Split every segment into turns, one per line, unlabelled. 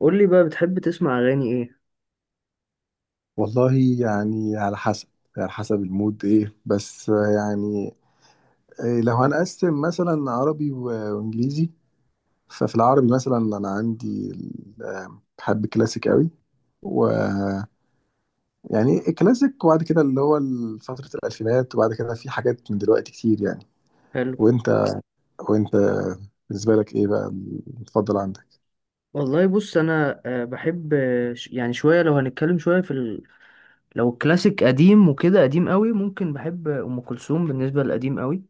قول لي بقى، بتحب تسمع اغاني ايه؟
والله، يعني على حسب، على حسب المود ايه بس. يعني إيه، لو هنقسم مثلا عربي و- وانجليزي، ففي العربي مثلا انا عندي بحب الكلاسيك قوي. ويعني الكلاسيك، وبعد كده اللي هو فترة الألفينات، وبعد كده في حاجات من دلوقتي كتير يعني.
حلو.
وانت وانت بالنسبة لك ايه بقى المفضل عندك؟
والله بص انا، بحب، يعني شويه، لو هنتكلم شويه في. لو كلاسيك قديم وكده، قديم قوي ممكن بحب ام كلثوم بالنسبه للقديم قوي.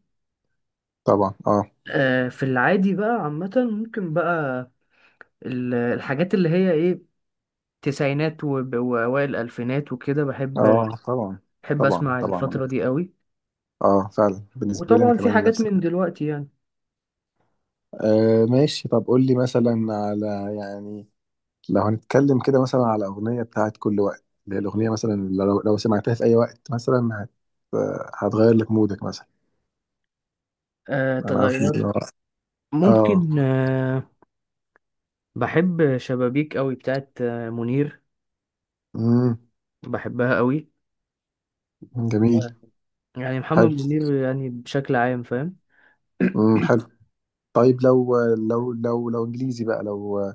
طبعا، اه.
في العادي بقى عامه ممكن بقى الحاجات اللي هي ايه، تسعينات واوائل الالفينات وكده بحب
اه طبعا.
بحب
طبعا
اسمع
طبعا
الفتره دي قوي.
اه فعلا، بالنسبة لي انا
وطبعا في
كمان
حاجات
نفس.
من دلوقتي يعني.
آه ماشي. طب قول لي مثلا على، يعني لو هنتكلم كده مثلا على أغنية بتاعت كل وقت، اللي هي الأغنية مثلا اللي لو سمعتها في أي وقت مثلا هت، آه، هتغير لك مودك مثلا. أنا عارف
تغير
إن هو آه.
ممكن. بحب شبابيك قوي بتاعت منير.
مم.
بحبها قوي.
جميل.
آه. يعني محمد
حلو.
منير يعني بشكل عام فاهم.
مم. حلو. طيب لو إنجليزي بقى، لو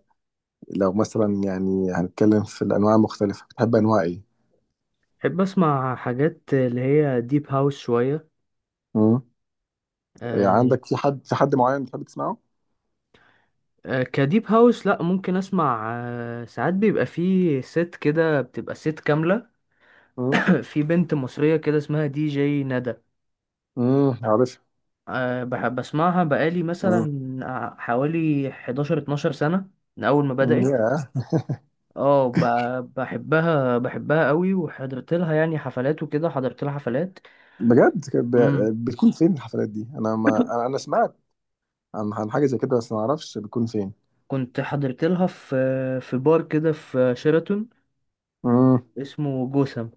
لو مثلا، يعني هنتكلم في الأنواع المختلفة، بتحب أنواع إيه؟
بحب اسمع حاجات اللي هي ديب هاوس شوية.
مم. يعني
آه
عندك في حد معين بتحب تسمعه؟
كديب هاوس لا، ممكن اسمع ساعات بيبقى فيه ست كده، بتبقى ست كاملة.
مم.
في بنت مصرية كده اسمها دي جي ندى.
مم، عارف.
بحب اسمعها بقالي مثلا
مم.
حوالي 11 12 سنة من اول ما
مم.
بدأت.
يا
اه، بحبها قوي، وحضرت لها يعني حفلات وكده، حضرت لها حفلات.
بجد؟ كانت
مم.
بتكون فين الحفلات دي؟ انا ما انا أنا سمعت عن حاجه زي كده بس ما اعرفش بتكون فين.
كنت حضرت لها في بار كده في شيراتون،
امم.
اسمه جوثام.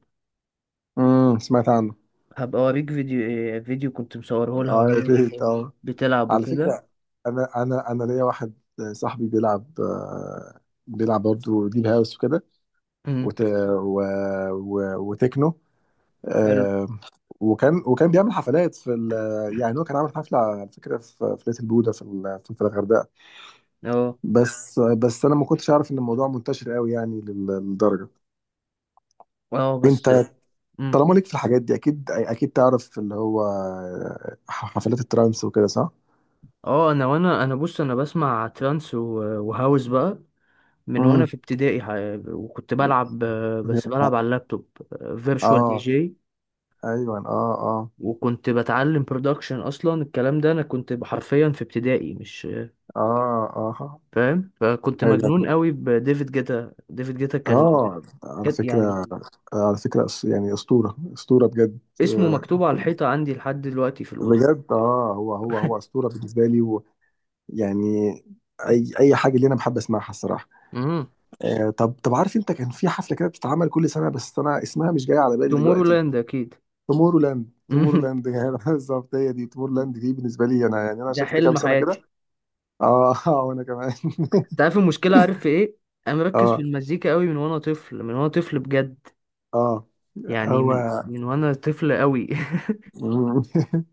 امم، سمعت عنه.
هبقى اوريك فيديو، كنت مصوره لها
اه يا
وهي
ريت، اه.
بتلعب
على
وكده.
فكره، انا ليا واحد صاحبي بيلعب، بيلعب برضه ديب هاوس وكده،
أمم.
وت... و... و... وتكنو،
حلو.
آه، وكان بيعمل حفلات في يعني هو كان عامل حفله على فكره في ليتل بودا في الغردقه.
اه
بس انا ما كنتش اعرف ان الموضوع منتشر قوي يعني للدرجه.
اه بس.
انت
أمم.
طالما ليك في الحاجات دي، اكيد اكيد تعرف اللي هو حفلات الترانس وكده، صح؟
اه، انا وانا بص، انا بسمع ترانس وهاوس بقى من وانا
امم.
في ابتدائي. وكنت بلعب، بس بلعب على اللابتوب فيرتشوال دي
اه.
جي.
ايوه اه. اه.
وكنت بتعلم برودكشن اصلا الكلام ده. انا كنت حرفيا في ابتدائي مش
اه. اه.
فاهم، فكنت
حاجه
مجنون
جامده،
قوي بديفيد جيتا. ديفيد جيتا كان
اه. على
كان
فكره،
يعني
على فكره يعني اسطوره، اسطوره بجد،
اسمه
آه،
مكتوب على الحيطة عندي لحد دلوقتي في الأوضة.
بجد. اه، هو هو اسطوره بالنسبه لي. ويعني اي حاجه اللي انا بحب اسمعها الصراحه.
امم.
آه. طب عارف انت كان في حفله كده بتتعمل كل سنه، بس انا اسمها مش جاي على بالي
تومورو
دلوقتي.
لاند أكيد.
تومورو لاند، تومورو لاند يعني بالظبط هي دي. تومورو لاند دي بالنسبه لي انا يعني، انا
ده
شفت كام
حلم
سنه كده.
حياتي.
اه اه وانا كمان.
انت عارف المشكلة، عارف في ايه؟ انا مركز في
اه.
المزيكا قوي، من وانا طفل من وانا طفل بجد.
اه.
يعني
هو.
من وانا طفل قوي.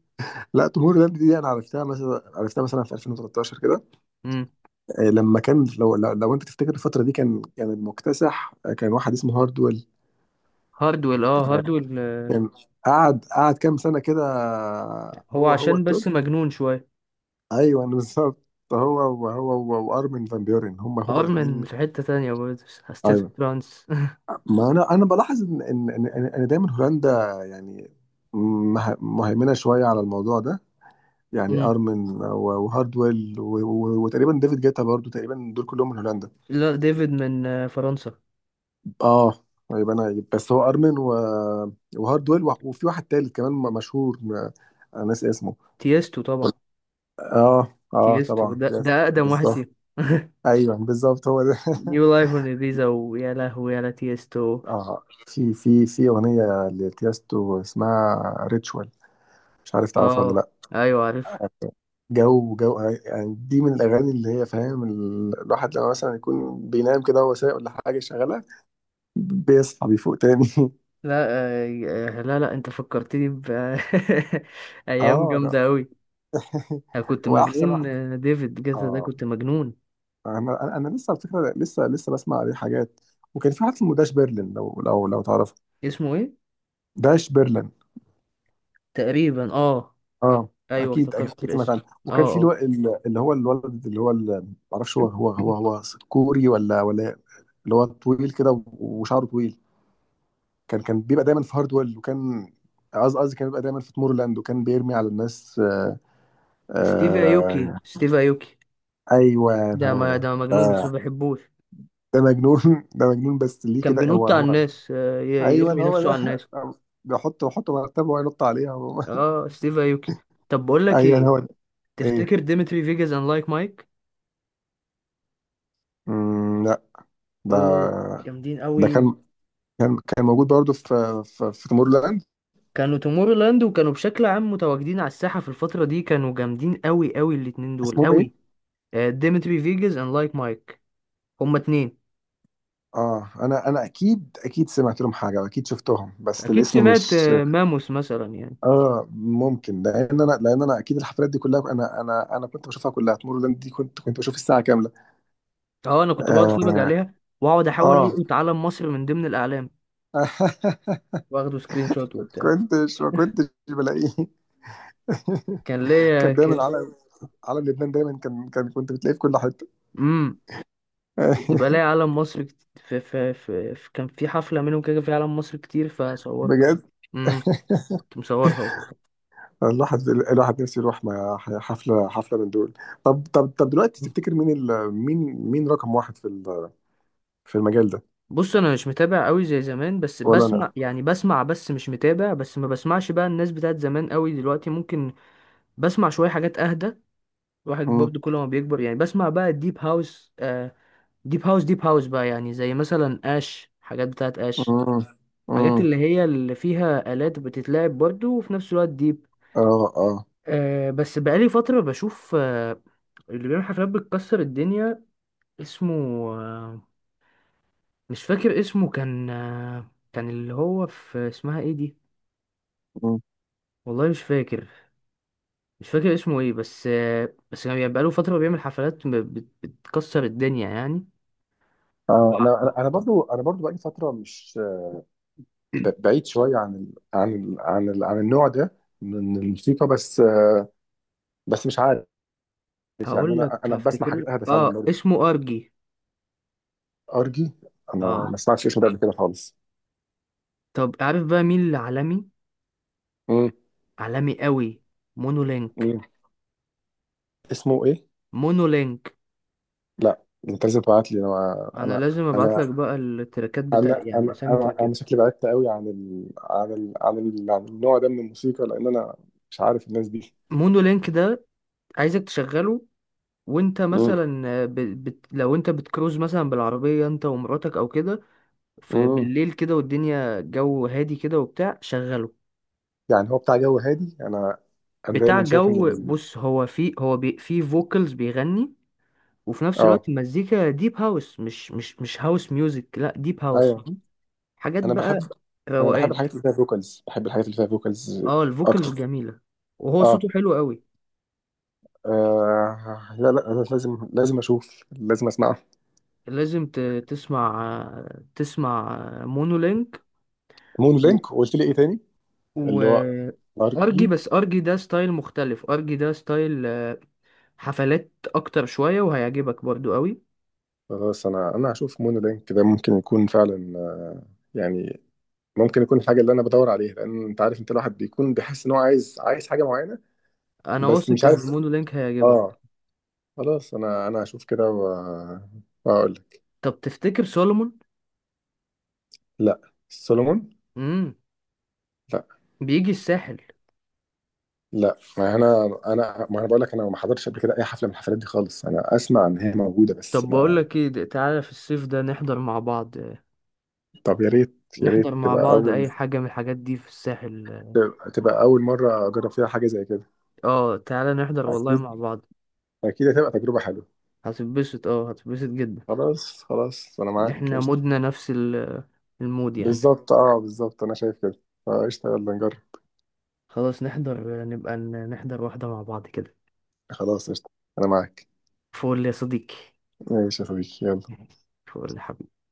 لا، تومور لاند دي انا عرفتها مثلا، عرفتها مثلا في 2013 كده،
مم.
آه، لما كان لو انت تفتكر الفتره دي، كان المكتسح آه، كان واحد اسمه هاردويل.
هاردويل، اه هاردويل،
كان قعد، كام سنه كده، آه،
هو
هو
عشان
التوب.
بس مجنون شوية.
ايوه بالظبط. هو وارمن فان بيورن، هم
ارمن
الاثنين.
في حتة تانية برضه، ستيت
ايوه.
فرانس.
ما انا بلاحظ ان ان ان, إن إن دايما هولندا، يعني مهيمنه شويه على الموضوع ده. يعني
مم.
ارمن وهاردويل وتقريبا ديفيد جيتا برضو، تقريبا دول كلهم من هولندا.
لا، ديفيد من فرنسا.
اه. يبقى انا بس هو ارمن و... وهاردويل وفي واحد تالت كمان مشهور، انا ناسي اسمه.
تيستو طبعا.
اه اه
تيستو
طبعا،
ده
يس
ده اقدم واحد
بالظبط.
فيهم.
ايوه بالظبط هو ده
نيو لايف اون ايبيزا، ويا لهوي يا لا تيستو.
اه في في اغنيه لتيستو اسمها ريتشوال، مش عارف تعرفها ولا
اه
لا.
ايوه عارف.
جو جو، آه، يعني دي من الاغاني اللي هي، فاهم، الواحد لما مثلا يكون بينام كده وهو سايق ولا حاجه شغاله، بيصحى بيفوق تاني
لا. لا لا انت فكرتني ب. ايام
اه لا
جامده قوي. انا كنت
واحسن
مجنون،
واحد.
ديفيد جيتا ده
اه
كنت مجنون.
انا انا لسه على فكره، لسه بسمع عليه حاجات. وكان في واحد اسمه داش برلين، لو تعرفه.
اسمه ايه؟
داش برلين.
تقريبا اه.
اه
ايوه
اكيد
افتكرت
اكيد سمعت
الاسم.
عنه.
اه
وكان في الو...
اه.
اللي هو الولد اللي هو ال-، معرفش هو كوري ولا ولا، اللي هو طويل كده وشعره طويل. كان بيبقى دايما في هاردويل وكان، قصدي، كان بيبقى دايما في تمور لاند، وكان بيرمي على الناس. آه.
ستيف ايوكي،
آه
ستيف ايوكي.
ايوه
ده
هو
ما
ده
ده مجنون بس ما
آه.
بحبوش.
ده مجنون ده مجنون بس ليه
كان
كده؟ هو
بينط على الناس،
ايوه
يرمي
هو
نفسه على
ده
الناس.
بحط، مرتبه وينط عليها
اه ستيف ايوكي. طب بقول لك
ايوه
ايه،
هو ده.
تفتكر
ايه؟
ديمتري فيجاس اند لايك مايك؟
مم، لا. ده
اوه جامدين
ده
قوي.
كان، موجود برضه في تمور لاند.
كانوا تومورو لاند، وكانوا بشكل عام متواجدين على الساحة في الفترة دي. كانوا جامدين قوي قوي الاتنين دول
اسمهم ايه؟
قوي. ديمتري فيجاس اند لايك مايك، هما اتنين.
اه انا اكيد، اكيد سمعت لهم حاجه واكيد شفتهم، بس
اكيد
الاسم
سمعت،
مش.
ماموس مثلا يعني.
اه ممكن، لان انا، لان انا اكيد الحفلات دي كلها انا، كنت بشوفها كلها. تمر لاند دي كنت، بشوف الساعه كامله.
اه، انا كنت بقعد اتفرج
اه.
عليها، واقعد احاول
آه.
القط علم مصر من ضمن الاعلام، واخده سكرين شوت وبتاع.
كنتش، ما كنتش بلاقيه
كان ليا
كان دايما
كده.
علم، علم لبنان دايما، كان كان كنت بتلاقيه في كل حته
امم. كنت بلاقي علم مصر، في كان في حفلة منهم كده في علم مصر كتير فصورت.
بجد.
امم. كنت مصورها.
الواحد، نفسه يروح مع حفله، حفله من دول. طب دلوقتي تفتكر مين ال... مين، مين رقم واحد في ال... في المجال ده؟
بص انا مش متابع قوي زي زمان، بس
ولا انا.
بسمع يعني، بس مش متابع. بس ما بسمعش بقى الناس بتاعت زمان قوي دلوقتي، ممكن بسمع شوية حاجات اهدى. الواحد
امم.
برضو كل ما بيكبر يعني، بسمع بقى الديب هاوس. آه. ديب هاوس بقى يعني، زي مثلا اش، حاجات بتاعت اش،
امم.
حاجات
امم.
اللي هي اللي فيها آلات بتتلعب برضو، وفي نفس الوقت ديب.
اه. اه.
آه بس بقالي فترة بشوف. آه، اللي بيعمل حفلات بتكسر الدنيا اسمه، آه، مش فاكر اسمه. كان آه كان اللي هو في، اسمها ايه دي، والله مش فاكر اسمه ايه. بس، بس كان يعني بقاله فترة بيعمل حفلات بتكسر الدنيا يعني.
آه
وع-
انا انا
و-
أنا برضو، انا برضو بقالي فتره مش بعيد شويه عن ال عن ال عن ال عن النوع ده من الموسيقى بس. بس مش عارف، يعني
هقول
انا
لك،
انا بسمع
هفتكر
حاجات اهدى فعلا
اه
برضو.
اسمه ارجي.
ارجي. انا ما
اه.
سمعتش اسمه ده قبل كده خالص.
طب عارف بقى مين اللي عالمي،
امم.
عالمي قوي؟ مونولينك.
مين؟ اسمه ايه؟
مونولينك.
لا. انت لازم تبعت لي.
انا لازم ابعت لك
انا
بقى التراكات بتاع،
انا
يعني
انا
اسامي
انا, أنا
تراكات.
شكلي بعدت قوي عن ال عن ال عن, ال عن النوع ده من الموسيقى، لان انا مش عارف الناس دي.
مونولينك ده عايزك تشغله، وانت
امم.
مثلا لو انت بتكروز مثلا بالعربية انت ومراتك او كده، في
امم.
بالليل كده والدنيا جو هادي كده وبتاع، شغله.
يعني هو بتاع جو هادي. انا، انا
بتاع
دايما شايف ان
جو،
ال-.
بص هو في، هو بي في فوكالز بيغني، وفي نفس
اه.
الوقت المزيكا ديب هاوس، مش هاوس ميوزك، لا ديب هاوس
ايوه.
فاهم؟ حاجات
انا
بقى
بحب،
روقان.
الحاجات اللي فيها فوكالز. بحب الحاجات اللي فيها فوكالز
اه الفوكالز
اكتر.
جميلة. وهو
اه.
صوته حلو قوي.
آه، لا لا أنا لازم، لازم اشوف، لازم اسمعها.
لازم تسمع تسمع مونولينك
مونو
و
لينك. قلت لي ايه تاني؟
و
اللي هو
ارجي.
ارجي.
بس ارجي ده ستايل مختلف. ارجي ده ستايل حفلات اكتر شوية، وهيعجبك برضو قوي.
خلاص، انا هشوف مونو لينك ده، ممكن يكون فعلا، آه، يعني ممكن يكون الحاجه اللي انا بدور عليها. لان انت عارف، انت الواحد بيكون بيحس ان هو عايز، حاجه معينه
انا
بس
واثق
مش
ان
عارف.
مونو لينك هيعجبك.
اه. خلاص، انا هشوف كده واقول لك.
طب تفتكر سولومون؟
لا، سولومون؟
امم.
لا
بيجي الساحل.
لا. ما انا، انا ما انا بقول لك انا ما حضرتش قبل كده اي حفله من الحفلات دي خالص. انا اسمع ان هي موجوده بس
طب بقول
ما.
لك ايه، تعالى في الصيف ده نحضر مع بعض،
طب يا ريت، يا
نحضر
ريت
مع
تبقى
بعض
اول،
اي حاجه من الحاجات دي في الساحل.
تبقى اول مره اجرب فيها حاجه زي كده.
اه تعالى نحضر والله
اكيد،
مع بعض.
اكيد هتبقى تجربه حلوه.
هتتبسط، اه هتتبسط جدا.
خلاص انا معاك،
احنا
قشطه.
مودنا نفس المود يعني.
بالظبط، اه بالظبط، انا شايف كده. فقشطه، يلا نجرب.
خلاص نحضر، نبقى نحضر واحده مع بعض كده.
خلاص قشطه، انا معاك.
فول يا صديقي.
ماشي يا صديقي، يلا.
فول يا حبيبي.